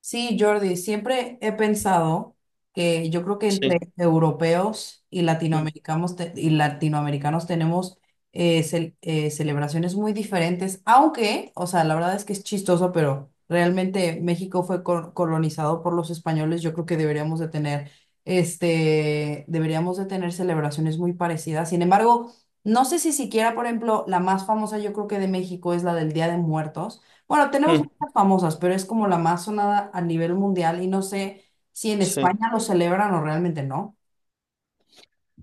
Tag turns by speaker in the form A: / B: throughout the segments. A: Sí, Jordi, siempre he pensado que yo creo que entre
B: Sí,
A: europeos y
B: mm,
A: latinoamericanos, tenemos celebraciones muy diferentes, aunque, o sea, la verdad es que es chistoso, pero realmente México fue colonizado por los españoles. Yo creo que deberíamos de tener celebraciones muy parecidas. Sin embargo, no sé si siquiera, por ejemplo, la más famosa yo creo que de México es la del Día de Muertos. Bueno, tenemos
B: mm,
A: muchas famosas, pero es como la más sonada a nivel mundial y no sé si en
B: sí.
A: España lo celebran o realmente no.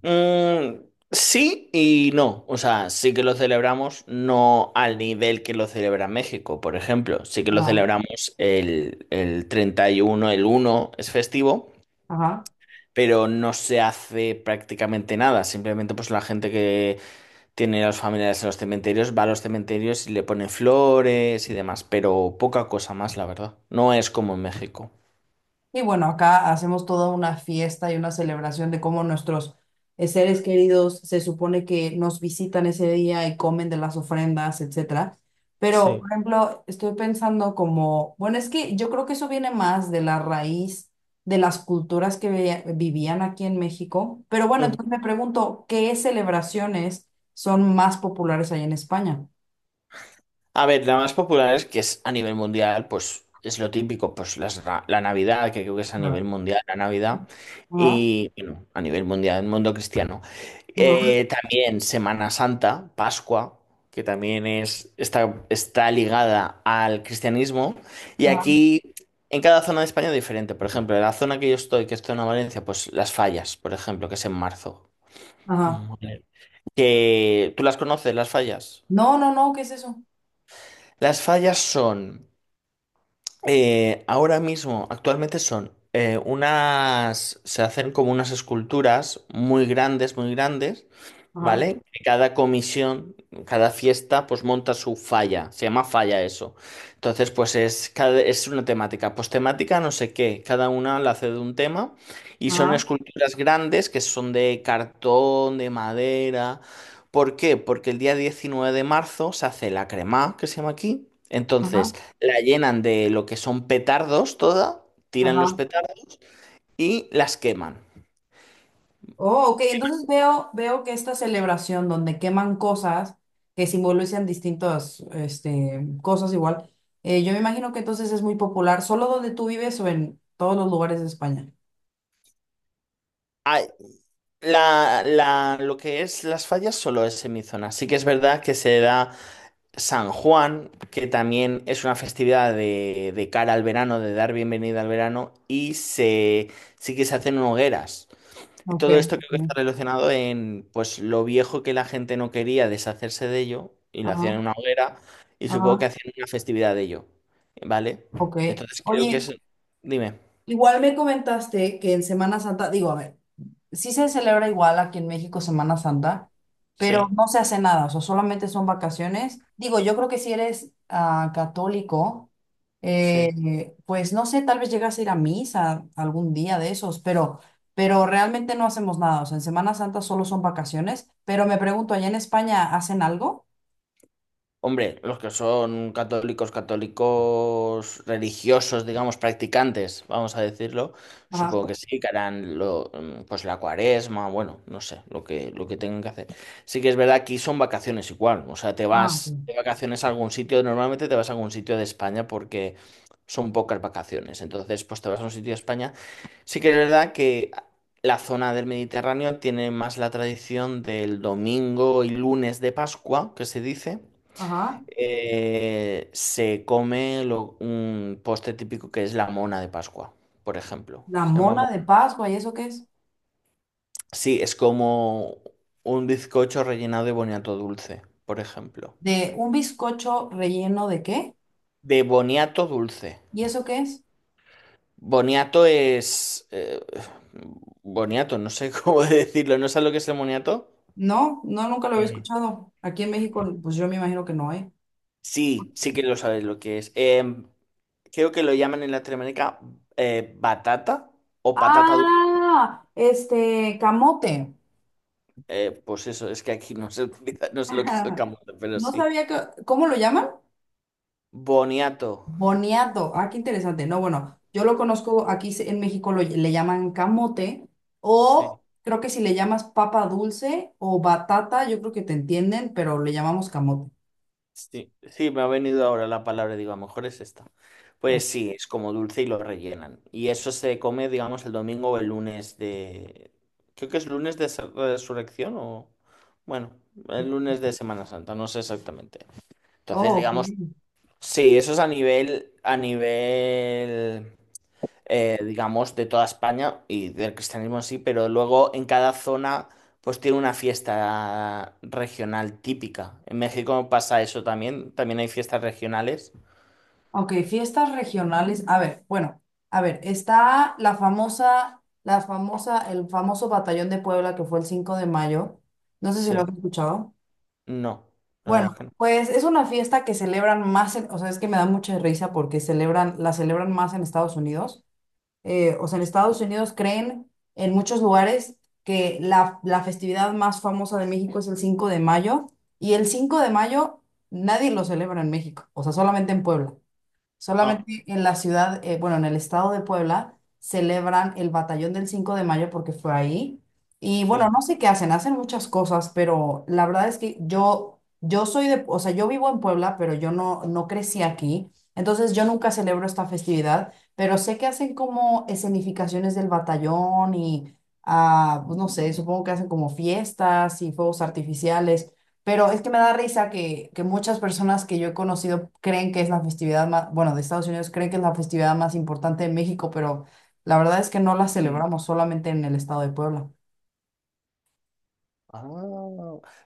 B: Mm, sí y no. O sea, sí que lo celebramos, no al nivel que lo celebra México, por ejemplo. Sí que lo
A: Ajá.
B: celebramos el 31, el uno es festivo,
A: Ajá.
B: pero no se hace prácticamente nada. Simplemente pues la gente que tiene a los familiares en los cementerios va a los cementerios y le pone flores y demás, pero poca cosa más, la verdad. No es como en México.
A: Y bueno, acá hacemos toda una fiesta y una celebración de cómo nuestros seres queridos se supone que nos visitan ese día y comen de las ofrendas, etcétera. Pero,
B: Sí.
A: por ejemplo, estoy pensando como, bueno, es que yo creo que eso viene más de la raíz de las culturas que vivían aquí en México. Pero bueno, entonces me pregunto, ¿qué celebraciones son más populares ahí en España?
B: A ver, la más popular es que es a nivel mundial, pues es lo típico, pues la Navidad, que creo que es a nivel
A: Claro.
B: mundial la Navidad,
A: Ajá,
B: y bueno, a nivel mundial, el mundo cristiano.
A: ajá,
B: También Semana Santa, Pascua, que también es, está ligada al cristianismo, y
A: ajá.
B: aquí en cada zona de España es diferente. Por ejemplo, en la zona que yo estoy, que es zona Valencia, pues las fallas, por ejemplo, que es en marzo.
A: Ajá.
B: Mm. Que, ¿tú las conoces, las fallas?
A: No, no, no, ¿qué es eso?
B: Las fallas son... ahora mismo, actualmente son unas, se hacen como unas esculturas muy grandes,
A: Ajá,
B: ¿vale? Que cada comisión, cada fiesta, pues monta su falla, se llama falla eso. Entonces, pues es, cada, es una temática, pues temática no sé qué, cada una la hace de un tema y son
A: ajá,
B: esculturas grandes que son de cartón, de madera. ¿Por qué? Porque el día 19 de marzo se hace la crema, que se llama aquí. Entonces,
A: ajá,
B: la llenan de lo que son petardos toda, tiran los
A: ajá.
B: petardos y las queman.
A: Oh, ok, entonces veo, veo que esta celebración donde queman cosas que simbolizan distintas este, cosas igual, yo me imagino que entonces es muy popular, ¿solo donde tú vives o en todos los lugares de España?
B: Ay, lo que es las fallas solo es en mi zona. Sí que es verdad que se da San Juan, que también es una festividad de cara al verano, de dar bienvenida al verano, y se, sí que se hacen hogueras. Y
A: Ok.
B: todo esto creo que está
A: Ujú.
B: relacionado en pues lo viejo que la gente no quería deshacerse de ello y lo hacían en
A: Ajá,
B: una hoguera y supongo que
A: ajá,
B: hacían una festividad de ello, ¿vale?
A: ok.
B: Entonces creo que
A: Oye,
B: es... Dime.
A: igual me comentaste que en Semana Santa, digo, a ver, sí se celebra igual aquí en México Semana Santa, pero
B: Sí,
A: no se hace nada, o sea, solamente son vacaciones. Digo, yo creo que si eres ah, católico,
B: sí.
A: pues no sé, tal vez llegas a ir a misa algún día de esos, pero realmente no hacemos nada, o sea, en Semana Santa solo son vacaciones, pero me pregunto, ¿allá en España hacen algo?
B: Hombre, los que son católicos, católicos religiosos, digamos, practicantes, vamos a decirlo,
A: Ajá.
B: supongo que sí, que harán lo, pues la cuaresma, bueno, no sé, lo que tengan que hacer. Sí que es verdad que aquí son vacaciones igual, o sea, te
A: Ah, ok.
B: vas de vacaciones a algún sitio, normalmente te vas a algún sitio de España porque son pocas vacaciones, entonces pues te vas a un sitio de España. Sí que es verdad que la zona del Mediterráneo tiene más la tradición del domingo y lunes de Pascua, que se dice.
A: Ajá.
B: Se come un postre típico que es la mona de Pascua, por ejemplo.
A: La mona de Pascua, ¿y eso qué es?
B: Sí, es como un bizcocho rellenado de boniato dulce, por ejemplo.
A: ¿De un bizcocho relleno de qué?
B: De boniato dulce.
A: ¿Y eso qué es?
B: Boniato es... eh, Boniato, no sé cómo decirlo. ¿No sabes lo que es el boniato?
A: No, no, nunca lo había
B: Eh,
A: escuchado. Aquí en México, pues yo me imagino que no hay.
B: Sí, sí que lo sabes lo que es. Creo que lo llaman en Latinoamérica batata o patata dulce.
A: Ah, este, camote.
B: Pues eso, es que aquí no se utiliza, no sé lo que es el
A: Ajá.
B: camote, pero
A: No
B: sí.
A: sabía que, ¿cómo lo llaman?
B: Boniato.
A: Boniato. Ah, qué interesante. No, bueno, yo lo conozco, aquí en México lo, le llaman camote
B: Sí,
A: o creo que si le llamas papa dulce o batata, yo creo que te entienden, pero le llamamos camote.
B: sí, sí, me ha venido ahora la palabra, digo, a lo mejor es esta.
A: Oh,
B: Pues sí, es como dulce y lo rellenan. Y eso se come, digamos, el domingo o el lunes de... Creo que es lunes de resurrección o... Bueno, el lunes de Semana Santa, no sé exactamente. Entonces,
A: ok.
B: digamos, sí, eso es a nivel digamos, de toda España y del cristianismo en sí, pero luego en cada zona pues tiene una fiesta regional típica. En México pasa eso también, también hay fiestas regionales.
A: Ok, fiestas regionales. A ver, bueno, a ver, está la famosa, el famoso Batallón de Puebla que fue el 5 de mayo. No sé si lo has
B: Sí,
A: escuchado.
B: no, la verdad
A: Bueno,
B: es que no.
A: pues es una fiesta que celebran más, o sea, es que me da mucha risa porque celebran, la celebran más en Estados Unidos. O sea, en Estados Unidos creen en muchos lugares que la festividad más famosa de México es el 5 de mayo y el 5 de mayo nadie lo celebra en México, o sea, solamente en Puebla.
B: Ah,
A: Solamente en la ciudad, bueno, en el estado de Puebla, celebran el Batallón del 5 de mayo porque fue ahí. Y bueno,
B: sí.
A: no sé qué hacen, hacen muchas cosas, pero la verdad es que yo soy de, o sea, yo vivo en Puebla, pero yo no crecí aquí. Entonces yo nunca celebro esta festividad, pero sé que hacen como escenificaciones del batallón y, ah, pues no sé, supongo que hacen como fiestas y fuegos artificiales. Pero es que me da risa que muchas personas que yo he conocido creen que es la festividad más, bueno, de Estados Unidos creen que es la festividad más importante de México, pero la verdad es que no la
B: Mm.
A: celebramos solamente en el estado de Puebla.
B: Ah,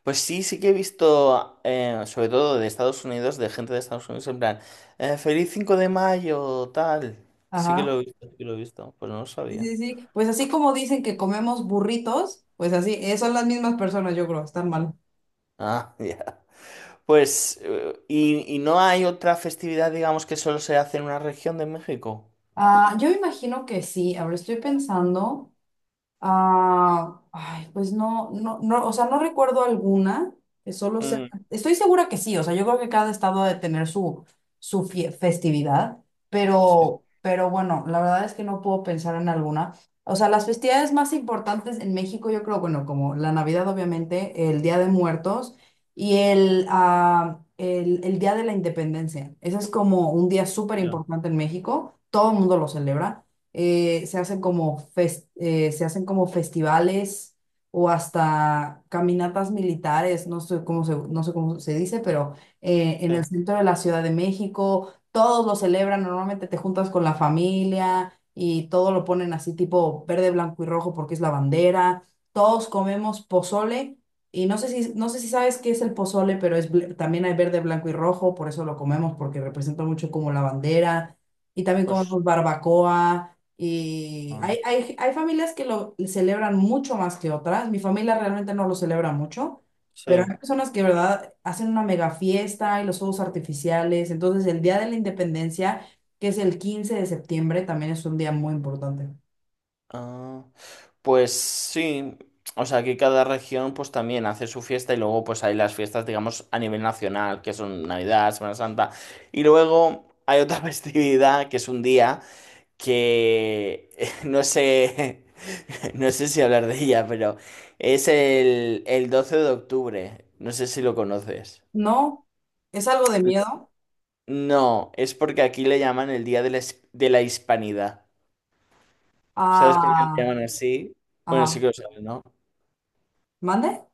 B: pues sí, sí que he visto, sobre todo de Estados Unidos, de gente de Estados Unidos, en plan, feliz 5 de mayo, tal. Sí que lo
A: Ajá.
B: he visto, sí que lo he visto, pues no lo
A: Sí,
B: sabía.
A: sí, sí. Pues así como dicen que comemos burritos, pues así, son las mismas personas, yo creo, están mal.
B: Ah, ya. Pues, ¿ y no hay otra festividad, digamos, que solo se hace en una región de México?
A: Ah, yo imagino que sí. Ahora estoy pensando. Ah, ay, pues no, no, no, o sea, no recuerdo alguna, que solo sea,
B: Mm,
A: estoy segura que sí, o sea, yo creo que cada estado ha de tener su, su festividad,
B: sí,
A: pero, bueno, la verdad es que no puedo pensar en alguna. O sea, las festividades más importantes en México, yo creo, bueno, como la Navidad, obviamente, el Día de Muertos y el Día de la Independencia. Ese es como un día súper
B: ya.
A: importante en México, todo el mundo lo celebra se hacen como festivales o hasta caminatas militares, no sé cómo se dice, pero en el
B: Sí,
A: centro de la Ciudad de México, todos lo celebran, normalmente te juntas con la familia y todo lo ponen así tipo verde, blanco y rojo porque es la bandera, todos comemos pozole. Y no sé si, no sé si sabes qué es el pozole, pero es, también hay verde, blanco y rojo, por eso lo comemos, porque representa mucho como la bandera. Y también
B: pues,
A: comemos barbacoa, y
B: ah,
A: hay familias que lo celebran mucho más que otras. Mi familia realmente no lo celebra mucho, pero
B: sí.
A: hay personas que, verdad, hacen una mega fiesta y los fuegos artificiales. Entonces, el Día de la Independencia, que es el 15 de septiembre, también es un día muy importante.
B: Ah, pues sí, o sea, que cada región pues también hace su fiesta y luego pues hay las fiestas, digamos, a nivel nacional, que son Navidad, Semana Santa, y luego hay otra festividad que es un día que no sé, no sé si hablar de ella, pero es el 12 de octubre, no sé si lo conoces.
A: No, es algo de miedo.
B: No, es porque aquí le llaman el Día de la, de la Hispanidad. ¿Sabes por qué le
A: Ah,
B: llaman así? Bueno, sí
A: ajá.
B: que lo sabes, ¿no?
A: ¿Mande?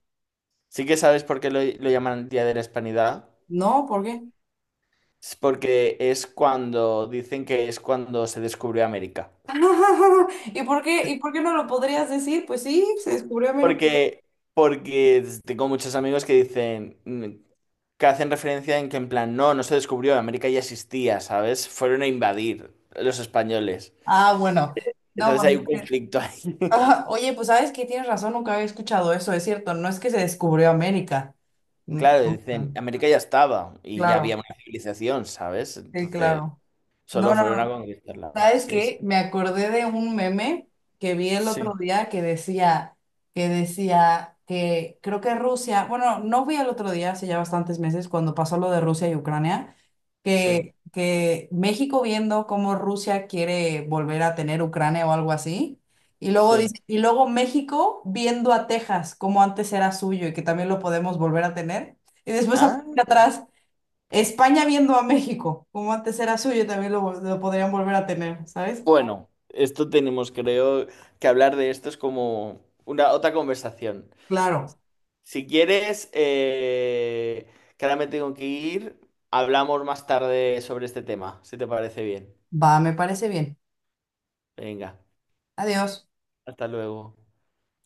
B: Sí que sabes por qué lo llaman el Día de la Hispanidad.
A: No, ¿por qué?
B: Es porque es cuando, dicen que es cuando se descubrió América.
A: Y por qué no lo podrías decir? Pues sí, se descubrió América.
B: Porque, porque tengo muchos amigos que dicen, que hacen referencia en que en plan, no, no se descubrió, América ya existía, ¿sabes? Fueron a invadir los españoles.
A: Ah, bueno. No,
B: Entonces
A: bueno,
B: hay un
A: ok.
B: conflicto ahí.
A: Ah, oye, pues sabes que tienes razón, nunca había escuchado eso, es cierto, no es que se descubrió América. Mm,
B: Claro,
A: ah,
B: dicen, América ya estaba y ya había
A: claro,
B: una civilización, ¿sabes?
A: sí,
B: Entonces,
A: claro.
B: solo
A: No, no,
B: fueron a
A: no.
B: conquistarla.
A: ¿Sabes
B: Sí, sí,
A: qué? Me acordé de un meme que vi el otro
B: sí,
A: día que decía, que decía que creo que Rusia, bueno, no vi el otro día, hace ya bastantes meses, cuando pasó lo de Rusia y Ucrania,
B: sí,
A: que México viendo cómo Rusia quiere volver a tener Ucrania o algo así, y luego
B: sí.
A: dice, y luego México viendo a Texas como antes era suyo y que también lo podemos volver a tener, y después
B: Ah,
A: aparece atrás, España viendo a México, como antes era suyo, también lo, lo podrían volver a tener, ¿sabes?
B: bueno, esto tenemos, creo, que hablar de esto es como una otra conversación.
A: Claro,
B: Si quieres, que ahora me tengo que ir, hablamos más tarde sobre este tema, si te parece bien.
A: va, me parece bien.
B: Venga,
A: Adiós.
B: hasta luego.